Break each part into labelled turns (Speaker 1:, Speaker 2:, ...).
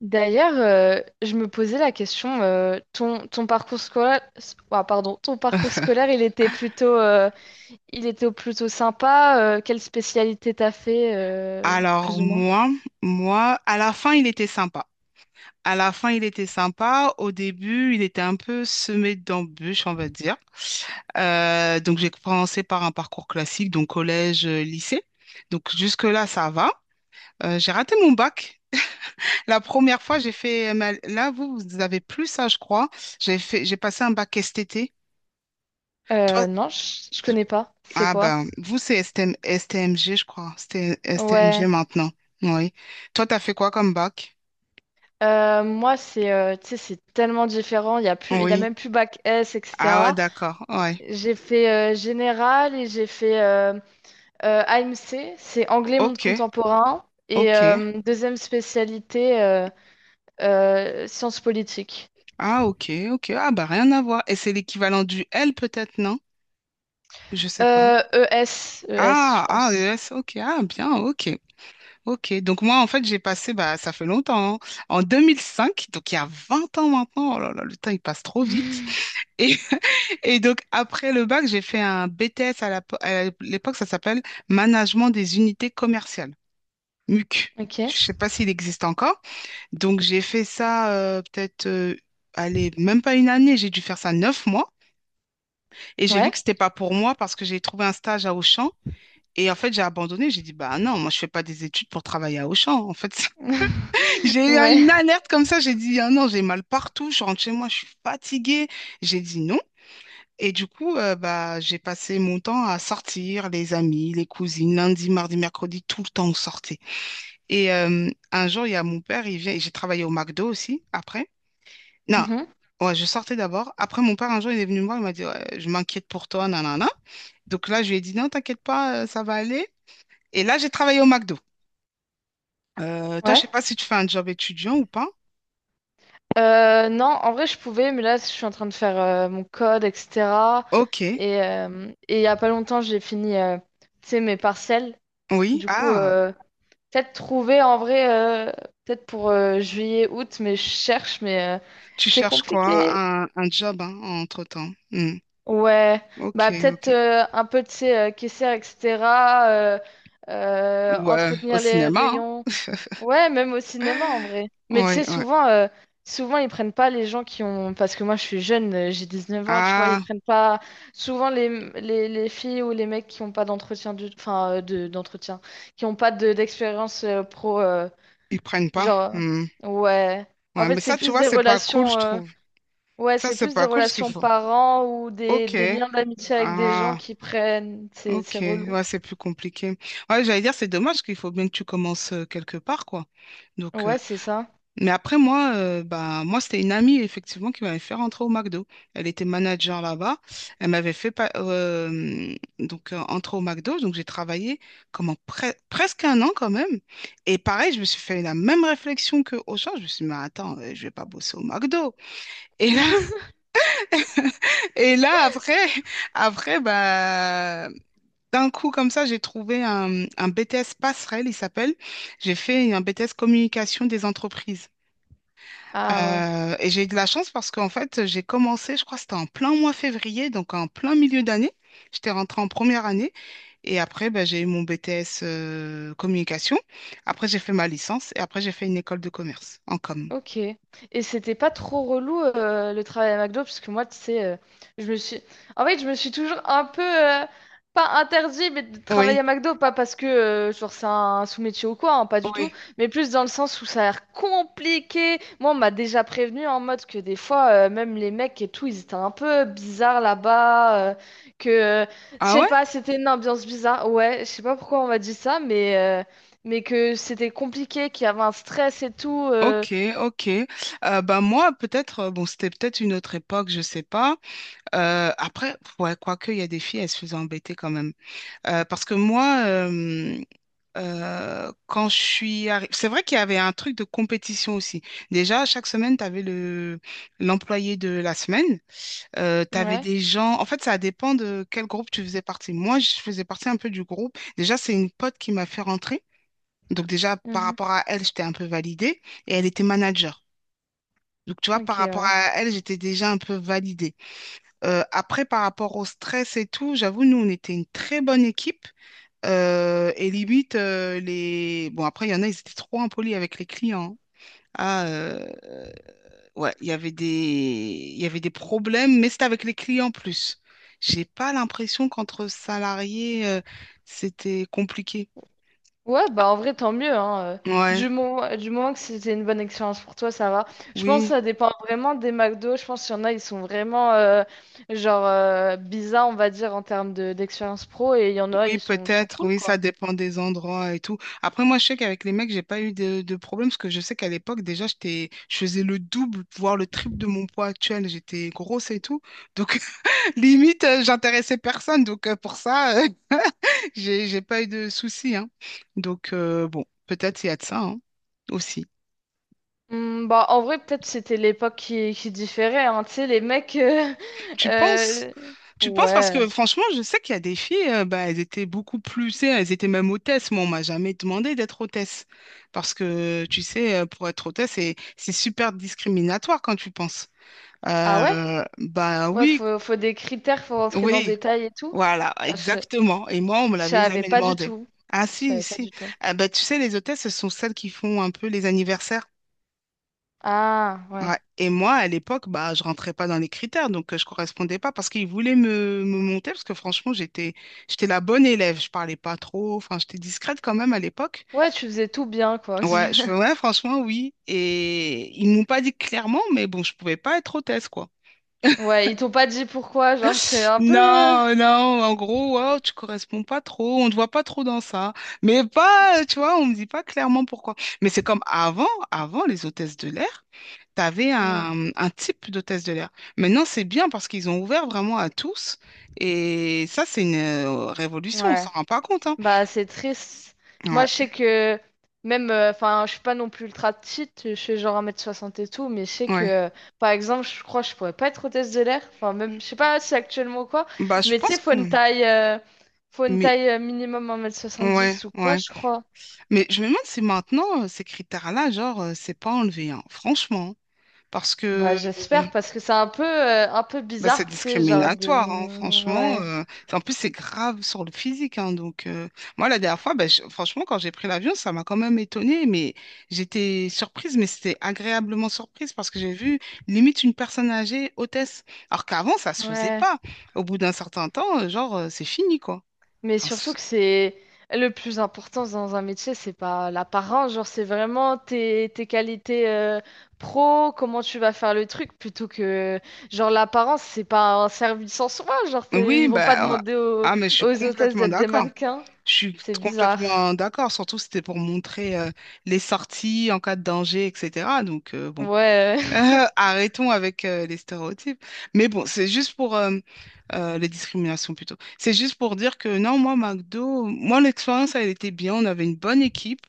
Speaker 1: D'ailleurs, je me posais la question, ton parcours scolaire, ah, pardon, ton parcours scolaire, il était plutôt sympa. Quelle spécialité t'as fait,
Speaker 2: Alors
Speaker 1: plus ou moins?
Speaker 2: moi, à la fin, il était sympa. À la fin, il était sympa. Au début, il était un peu semé d'embûches, on va dire. Donc j'ai commencé par un parcours classique, donc collège, lycée. Donc jusque-là, ça va. J'ai raté mon bac. La première fois, Là, vous avez plus ça, je crois. J'ai passé un bac STT. Toi.
Speaker 1: Non, je connais pas. C'est
Speaker 2: Ah
Speaker 1: quoi?
Speaker 2: ben, vous, c'est STM STMG, je crois. C'était STMG
Speaker 1: Ouais.
Speaker 2: maintenant. Oui. Toi, t'as fait quoi comme bac?
Speaker 1: Moi, c'est, tu sais, c'est tellement différent. Il y a plus, il y a
Speaker 2: Oui.
Speaker 1: même plus bac S,
Speaker 2: Ah ouais,
Speaker 1: etc.
Speaker 2: d'accord. Ouais.
Speaker 1: J'ai fait général et j'ai fait AMC, c'est anglais monde
Speaker 2: OK.
Speaker 1: contemporain. Et
Speaker 2: OK.
Speaker 1: deuxième spécialité. Sciences politiques.
Speaker 2: Ah, OK. OK. Ah bah rien à voir. Et c'est l'équivalent du L peut-être, non? Je sais pas.
Speaker 1: Euh, ES, je pense.
Speaker 2: ES, ok, ah, bien, ok, ok. Donc moi, en fait, j'ai passé, bah, ça fait longtemps, hein, en 2005, donc il y a 20 ans maintenant, oh là là, le temps, il passe trop vite. Et, et donc, après le bac, j'ai fait un BTS à l'époque, ça s'appelle Management des unités commerciales, MUC.
Speaker 1: Ok.
Speaker 2: Je sais pas s'il existe encore. Donc, j'ai fait ça peut-être, allez, même pas une année, j'ai dû faire ça neuf mois. Et j'ai vu
Speaker 1: Ouais.
Speaker 2: que c'était pas pour moi parce que j'ai trouvé un stage à Auchan. Et en fait, j'ai abandonné. J'ai dit, bah non, moi, je fais pas des études pour travailler à Auchan. En fait, j'ai eu
Speaker 1: Ouais.
Speaker 2: une alerte comme ça. J'ai dit, ah non, j'ai mal partout. Je rentre chez moi, je suis fatiguée. J'ai dit non. Et du coup, bah, j'ai passé mon temps à sortir, les amis, les cousines, lundi, mardi, mercredi, tout le temps on sortait. Et un jour, il y a mon père, il vient, j'ai travaillé au McDo aussi, après. Non,
Speaker 1: Mhm.
Speaker 2: ouais, je sortais d'abord. Après, mon père, un jour, il est venu me voir, il m'a dit, ouais, je m'inquiète pour toi, nanana. Donc là, je lui ai dit, non, t'inquiète pas, ça va aller. Et là, j'ai travaillé au McDo. Toi, je
Speaker 1: Ouais.
Speaker 2: sais pas si tu fais un job étudiant ou pas.
Speaker 1: Non, en vrai, je pouvais, mais là, je suis en train de faire mon code, etc.
Speaker 2: Ok,
Speaker 1: Et il y a pas longtemps, j'ai fini, tu sais, mes partiels.
Speaker 2: oui.
Speaker 1: Du coup,
Speaker 2: Ah,
Speaker 1: peut-être trouver en vrai, euh, peut-être pour juillet, août, mais je cherche, mais
Speaker 2: tu
Speaker 1: c'est
Speaker 2: cherches quoi?
Speaker 1: compliqué.
Speaker 2: Un job, hein, entre-temps. Hmm.
Speaker 1: Ouais,
Speaker 2: Ok,
Speaker 1: bah peut-être
Speaker 2: ok.
Speaker 1: un peu, tu sais, caissière, etc. euh,
Speaker 2: Ou au
Speaker 1: Entretenir les
Speaker 2: cinéma, hein.
Speaker 1: rayons. Ouais, même au cinéma en vrai. Mais tu
Speaker 2: Oui,
Speaker 1: sais,
Speaker 2: oui.
Speaker 1: souvent ils prennent pas les gens qui ont. Parce que moi je suis jeune, j'ai 9 ans, tu vois, ils
Speaker 2: Ah,
Speaker 1: prennent pas souvent les filles ou les mecs qui ont pas d'entretien enfin, d'entretien, qui ont pas d'expérience pro.
Speaker 2: ils prennent pas.
Speaker 1: Genre,
Speaker 2: Hmm.
Speaker 1: ouais. En
Speaker 2: Ouais,
Speaker 1: fait,
Speaker 2: mais
Speaker 1: c'est
Speaker 2: ça, tu
Speaker 1: plus
Speaker 2: vois,
Speaker 1: des
Speaker 2: c'est pas cool, je
Speaker 1: relations.
Speaker 2: trouve.
Speaker 1: Ouais,
Speaker 2: Ça,
Speaker 1: c'est
Speaker 2: c'est
Speaker 1: plus des
Speaker 2: pas cool ce qu'il
Speaker 1: relations
Speaker 2: faut.
Speaker 1: parents ou des
Speaker 2: Ok.
Speaker 1: liens d'amitié avec des gens
Speaker 2: Ah,
Speaker 1: qui prennent. C'est
Speaker 2: ok.
Speaker 1: c'est relou.
Speaker 2: Ouais, c'est plus compliqué. Ouais, j'allais dire, c'est dommage qu'il faut bien que tu commences quelque part, quoi. Donc, euh,
Speaker 1: Ouais, c'est ça.
Speaker 2: Mais après, bah, moi c'était une amie, effectivement, qui m'avait fait rentrer au McDo. Elle était manager là-bas. Elle m'avait fait pa- donc, entrer au McDo. Donc, j'ai travaillé comment, presque un an quand même. Et pareil, je me suis fait la même réflexion que Auchan. Je me suis dit, mais attends, je vais pas bosser au McDo. Et là, et là après, après bah, d'un coup, comme ça, j'ai trouvé un BTS passerelle, il s'appelle. J'ai fait un BTS communication des entreprises.
Speaker 1: Ah ouais.
Speaker 2: Et j'ai eu de la chance parce qu'en fait, j'ai commencé, je crois que c'était en plein mois février, donc en plein milieu d'année. J'étais rentrée en première année et après, ben, j'ai eu mon BTS communication. Après, j'ai fait ma licence et après, j'ai fait une école de commerce en com.
Speaker 1: Ok. Et c'était pas trop relou le travail à McDo parce que moi, tu sais, je me suis. En fait, je me suis toujours un peu pas interdit, mais de travailler
Speaker 2: Oui,
Speaker 1: à McDo, pas parce que genre c'est un sous-métier ou quoi, hein, pas du tout,
Speaker 2: oui.
Speaker 1: mais plus dans le sens où ça a l'air compliqué. Moi, on m'a déjà prévenu en mode que des fois, même les mecs et tout, ils étaient un peu bizarres là-bas, que je
Speaker 2: Ah
Speaker 1: sais
Speaker 2: ouais?
Speaker 1: pas, c'était une ambiance bizarre. Ouais, je sais pas pourquoi on m'a dit ça, mais que c'était compliqué, qu'il y avait un stress et tout.
Speaker 2: Ok, ok. Ben moi, peut-être, bon, c'était peut-être une autre époque, je sais pas. Après, ouais, quoique, il y a des filles, elles se faisaient embêter quand même. Euh, parce que moi, euh, quand je suis arri- c'est vrai qu'il y avait un truc de compétition aussi. Déjà, chaque semaine, tu avais l'employé de la semaine. Tu avais
Speaker 1: Ouais.
Speaker 2: des gens. En fait, ça dépend de quel groupe tu faisais partie. Moi, je faisais partie un peu du groupe. Déjà, c'est une pote qui m'a fait rentrer. Donc, déjà, par
Speaker 1: Mhm.
Speaker 2: rapport à elle, j'étais un peu validée. Et elle était manager. Donc, tu vois, par
Speaker 1: Ok,
Speaker 2: rapport
Speaker 1: ouais.
Speaker 2: à elle, j'étais déjà un peu validée. Après, par rapport au stress et tout, j'avoue, nous, on était une très bonne équipe. Bon, après, il y en a, ils étaient trop impolis avec les clients. Ah, euh, ouais, il y avait des problèmes, mais c'était avec les clients plus. J'ai pas l'impression qu'entre salariés, c'était compliqué.
Speaker 1: Ouais, bah en vrai, tant mieux, hein.
Speaker 2: Ouais,
Speaker 1: Du moment que c'était une bonne expérience pour toi, ça va. Je pense que
Speaker 2: oui,
Speaker 1: ça dépend vraiment des McDo. Je pense qu'il y en a, ils sont vraiment genre bizarres, on va dire, en termes d'expérience pro, et il y en a,
Speaker 2: oui,
Speaker 1: ils sont
Speaker 2: peut-être,
Speaker 1: cool,
Speaker 2: oui, ça
Speaker 1: quoi.
Speaker 2: dépend des endroits et tout. Après, moi, je sais qu'avec les mecs, j'ai pas eu de problème parce que je sais qu'à l'époque, déjà, je faisais le double, voire le triple de mon poids actuel. J'étais grosse et tout. Donc, limite, j'intéressais personne, donc pour ça, j'ai pas eu de soucis, hein. Donc bon, peut-être il y a de ça, hein, aussi.
Speaker 1: Hmm, bah en vrai, peut-être c'était l'époque qui différait, hein. Tu sais, les mecs.
Speaker 2: Tu penses?
Speaker 1: Euh,
Speaker 2: Tu penses parce
Speaker 1: Ouais.
Speaker 2: que franchement, je sais qu'il y a des filles, bah, elles étaient beaucoup plus, tu sais, elles étaient même hôtesses. Moi, on m'a jamais demandé d'être hôtesse parce que tu sais, pour être hôtesse, c'est super discriminatoire quand tu penses.
Speaker 1: Ah ouais?
Speaker 2: Bah
Speaker 1: Ouais,
Speaker 2: oui,
Speaker 1: faut des critères, faut rentrer dans le
Speaker 2: oui.
Speaker 1: détail et tout.
Speaker 2: Voilà,
Speaker 1: Ah, je,
Speaker 2: exactement. Et moi, on me
Speaker 1: je
Speaker 2: l'avait
Speaker 1: savais
Speaker 2: jamais
Speaker 1: pas du
Speaker 2: demandé.
Speaker 1: tout.
Speaker 2: Ah
Speaker 1: Je
Speaker 2: si,
Speaker 1: savais pas
Speaker 2: si.
Speaker 1: du tout.
Speaker 2: Ah, bah, tu sais, les hôtesses, ce sont celles qui font un peu les anniversaires.
Speaker 1: Ah, ouais.
Speaker 2: Ouais. Et moi, à l'époque, bah, je rentrais pas dans les critères, donc je correspondais pas parce qu'ils voulaient me monter, parce que franchement, j'étais la bonne élève. Je parlais pas trop, enfin, j'étais discrète quand même à l'époque.
Speaker 1: Ouais, tu faisais tout bien, quoi.
Speaker 2: Ouais, je fais, ouais, franchement, oui. Et ils m'ont pas dit clairement, mais bon, je pouvais pas être hôtesse, quoi.
Speaker 1: Ouais, ils t'ont pas dit pourquoi, genre, c'est un peu...
Speaker 2: Non, non, en gros, wow, tu corresponds pas trop, on te voit pas trop dans ça. Mais pas, tu vois, on me dit pas clairement pourquoi. Mais c'est comme avant, avant les hôtesses de l'air, t'avais
Speaker 1: Mm,
Speaker 2: un type d'hôtesse de l'air. Maintenant, c'est bien parce qu'ils ont ouvert vraiment à tous. Et ça, c'est une révolution, on
Speaker 1: ouais.
Speaker 2: s'en rend pas compte, hein.
Speaker 1: Bah, c'est triste. Moi,
Speaker 2: Ouais,
Speaker 1: je sais que... Même, enfin, je suis pas non plus ultra petite, je suis genre un mètre soixante et tout, mais je sais
Speaker 2: ouais.
Speaker 1: que, par exemple, je crois que je pourrais pas être hôtesse de l'air, enfin, même, je sais pas si actuellement ou quoi,
Speaker 2: Bah, je
Speaker 1: mais tu sais,
Speaker 2: pense que.
Speaker 1: faut une
Speaker 2: Mais,
Speaker 1: taille minimum un mètre soixante
Speaker 2: ouais,
Speaker 1: dix ou quoi,
Speaker 2: ouais.
Speaker 1: je crois.
Speaker 2: Mais je me demande si maintenant, ces critères-là, genre, c'est pas enlevé, hein. Franchement. Parce
Speaker 1: Bah,
Speaker 2: que. euh,
Speaker 1: j'espère, parce que c'est un peu
Speaker 2: Bah, c'est
Speaker 1: bizarre, tu sais, genre de...
Speaker 2: discriminatoire, hein, franchement.
Speaker 1: Ouais.
Speaker 2: En plus, c'est grave sur le physique. Hein, donc, moi, la dernière fois, bah, franchement, quand j'ai pris l'avion, ça m'a quand même étonnée. Mais j'étais surprise, mais c'était agréablement surprise parce que j'ai vu limite une personne âgée, hôtesse. Alors qu'avant, ça se faisait
Speaker 1: Ouais.
Speaker 2: pas. Au bout d'un certain temps, genre, c'est fini, quoi.
Speaker 1: Mais
Speaker 2: Enfin,
Speaker 1: surtout
Speaker 2: c'est-
Speaker 1: que c'est le plus important dans un métier, c'est pas l'apparence, genre c'est vraiment tes qualités pro, comment tu vas faire le truc, plutôt que genre l'apparence, c'est pas un service en soi,
Speaker 2: oui,
Speaker 1: ils vont pas demander
Speaker 2: ah, mais je suis
Speaker 1: aux hôtesses
Speaker 2: complètement
Speaker 1: d'être des
Speaker 2: d'accord.
Speaker 1: mannequins.
Speaker 2: Je suis
Speaker 1: C'est bizarre.
Speaker 2: complètement d'accord. Surtout, c'était pour montrer les sorties en cas de danger, etc. Donc, bon.
Speaker 1: Ouais,
Speaker 2: Arrêtons avec les stéréotypes. Mais bon, c'est juste pour les discriminations plutôt. C'est juste pour dire que non, moi, McDo, moi, l'expérience, elle était bien. On avait une bonne équipe.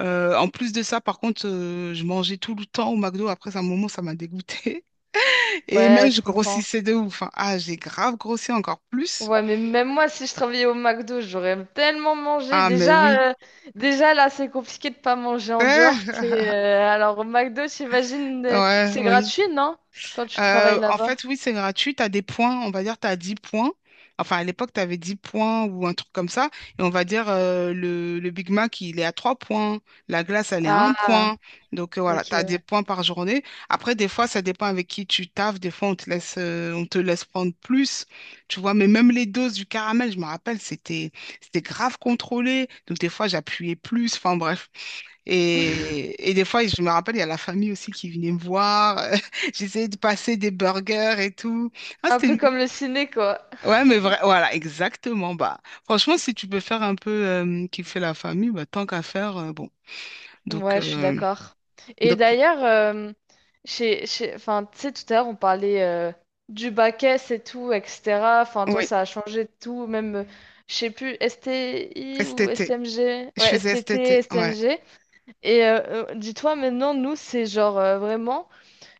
Speaker 2: En plus de ça, par contre, je mangeais tout le temps au McDo. Après, à un moment, ça m'a dégoûté. Et
Speaker 1: ouais,
Speaker 2: même, je
Speaker 1: je comprends.
Speaker 2: grossissais de ouf, hein. Ah, j'ai grave grossi encore plus.
Speaker 1: Ouais, mais même moi, si je travaillais au McDo, j'aurais tellement mangé.
Speaker 2: Ah, mais oui.
Speaker 1: Déjà, là, c'est compliqué de pas manger en dehors. Tu sais, alors, au McDo, j'imagine,
Speaker 2: Ouais,
Speaker 1: c'est
Speaker 2: oui.
Speaker 1: gratuit, non? Quand tu travailles
Speaker 2: En
Speaker 1: là-bas.
Speaker 2: fait, oui, c'est gratuit. Tu as des points, on va dire, tu as 10 points. Enfin, à l'époque, tu avais 10 points ou un truc comme ça. Et on va dire, le Big Mac, il est à 3 points. La glace, elle est à 1
Speaker 1: Ah,
Speaker 2: point. Donc, voilà,
Speaker 1: ok,
Speaker 2: tu as des
Speaker 1: ouais.
Speaker 2: points par journée. Après, des fois, ça dépend avec qui tu taffes. Des fois, on te laisse prendre plus. Tu vois, mais même les doses du caramel, je me rappelle, c'était grave contrôlé. Donc, des fois, j'appuyais plus. Enfin, bref. Et des fois, je me rappelle, il y a la famille aussi qui venait me voir. J'essayais de passer des burgers et tout. Ah,
Speaker 1: Un
Speaker 2: c'était...
Speaker 1: peu
Speaker 2: une-
Speaker 1: comme le ciné, quoi.
Speaker 2: Ouais, mais vrai, voilà, exactement. Bah, franchement, si tu peux faire un peu kiffer la famille, bah, tant qu'à faire, bon. Donc,
Speaker 1: Ouais, je suis
Speaker 2: euh,
Speaker 1: d'accord. Et
Speaker 2: donc,
Speaker 1: d'ailleurs, enfin, tu sais, tout à l'heure, on parlait du bac S et tout, etc. Enfin, toi,
Speaker 2: oui,
Speaker 1: ça a changé de tout, même, je sais plus, STI ou
Speaker 2: STT.
Speaker 1: STMG?
Speaker 2: Je
Speaker 1: Ouais,
Speaker 2: faisais
Speaker 1: STT,
Speaker 2: STT, ouais.
Speaker 1: STMG. Et dis-toi maintenant, nous, c'est genre vraiment,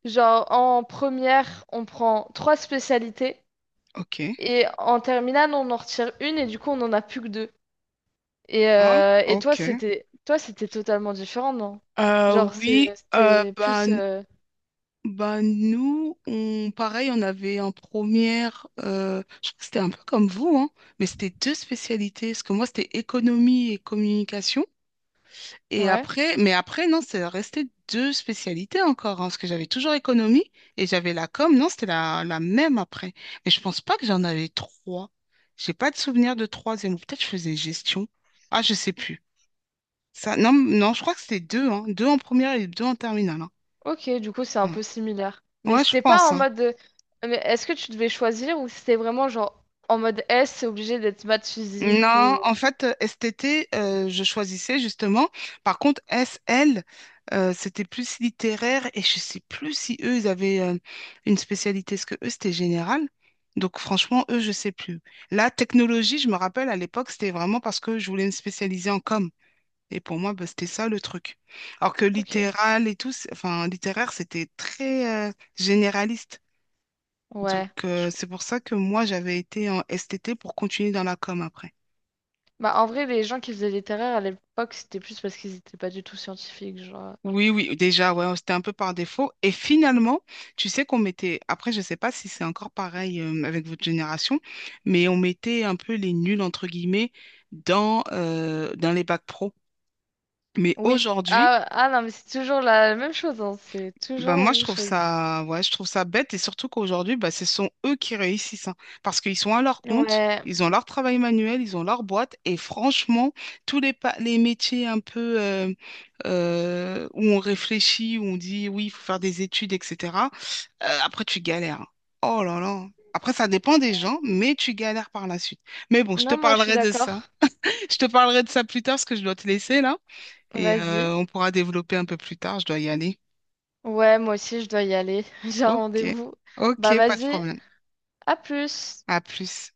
Speaker 1: genre en première, on prend trois spécialités
Speaker 2: OK.
Speaker 1: et en terminale, on en retire une et du coup, on en a plus que deux. Et,
Speaker 2: Ah,
Speaker 1: euh, et toi,
Speaker 2: OK.
Speaker 1: c'était totalement différent, non?
Speaker 2: Euh, oui, euh,
Speaker 1: C'était plus...
Speaker 2: ben, Bah nous, on, pareil, on avait en première, je crois que c'était un peu comme vous, hein, mais c'était deux spécialités, parce que moi c'était économie et communication, et
Speaker 1: Ouais,
Speaker 2: après, mais après non, c'est resté deux spécialités encore, hein, parce que j'avais toujours économie et j'avais la com, non, c'était la même après, mais je pense pas que j'en avais trois, j'ai pas de souvenir de troisième, ou peut-être je faisais gestion, ah je sais plus, ça, non, non, je crois que c'était deux, hein, deux en première et deux en terminale, hein.
Speaker 1: ok, du coup, c'est un
Speaker 2: Ouais,
Speaker 1: peu similaire. Mais
Speaker 2: ouais, je
Speaker 1: c'était pas
Speaker 2: pense,
Speaker 1: en
Speaker 2: hein.
Speaker 1: mode... Mais est-ce que tu devais choisir ou c'était vraiment genre en mode S, c'est obligé d'être maths physique
Speaker 2: Non,
Speaker 1: ou...
Speaker 2: en fait, STT, je choisissais justement. Par contre, SL, c'était plus littéraire et je sais plus si eux, ils avaient une spécialité. Est-ce que eux, c'était général? Donc, franchement, eux, je sais plus. La technologie, je me rappelle, à l'époque, c'était vraiment parce que je voulais me spécialiser en com. Et pour moi, bah, c'était ça le truc. Alors que
Speaker 1: Ok,
Speaker 2: littéral et tout, c'est- enfin, littéraire, c'était très généraliste. Donc,
Speaker 1: ouais, je
Speaker 2: c'est pour ça que moi, j'avais été en STT pour continuer dans la com après.
Speaker 1: Bah, en vrai, les gens qui faisaient littéraire à l'époque, c'était plus parce qu'ils étaient pas du tout scientifiques, genre.
Speaker 2: Oui, oui, déjà, ouais, c'était un peu par défaut. Et finalement, tu sais qu'on mettait, après, je sais pas si c'est encore pareil avec votre génération, mais on mettait un peu les nuls, entre guillemets, dans, dans les bacs pro. Mais
Speaker 1: Oui.
Speaker 2: aujourd'hui,
Speaker 1: Ah, non, mais c'est toujours la même chose, hein. C'est toujours
Speaker 2: bah
Speaker 1: la
Speaker 2: moi je
Speaker 1: même
Speaker 2: trouve
Speaker 1: chose.
Speaker 2: ça ouais je trouve ça bête et surtout qu'aujourd'hui bah ce sont eux qui réussissent, hein. Parce qu'ils sont à leur compte,
Speaker 1: Ouais.
Speaker 2: ils ont leur travail manuel, ils ont leur boîte et franchement les métiers un peu où on réfléchit, où on dit oui il faut faire des études, etc. Après tu galères, hein. Oh là là, après ça dépend des gens mais tu galères par la suite, mais bon
Speaker 1: Non, moi, je suis d'accord.
Speaker 2: je te parlerai de ça plus tard parce que je dois te laisser là et
Speaker 1: Vas-y.
Speaker 2: on pourra développer un peu plus tard, je dois y aller.
Speaker 1: Ouais, moi aussi, je dois y aller. J'ai un
Speaker 2: Ok,
Speaker 1: rendez-vous. Bah,
Speaker 2: ok, pas de
Speaker 1: vas-y.
Speaker 2: problème.
Speaker 1: À plus.
Speaker 2: À plus.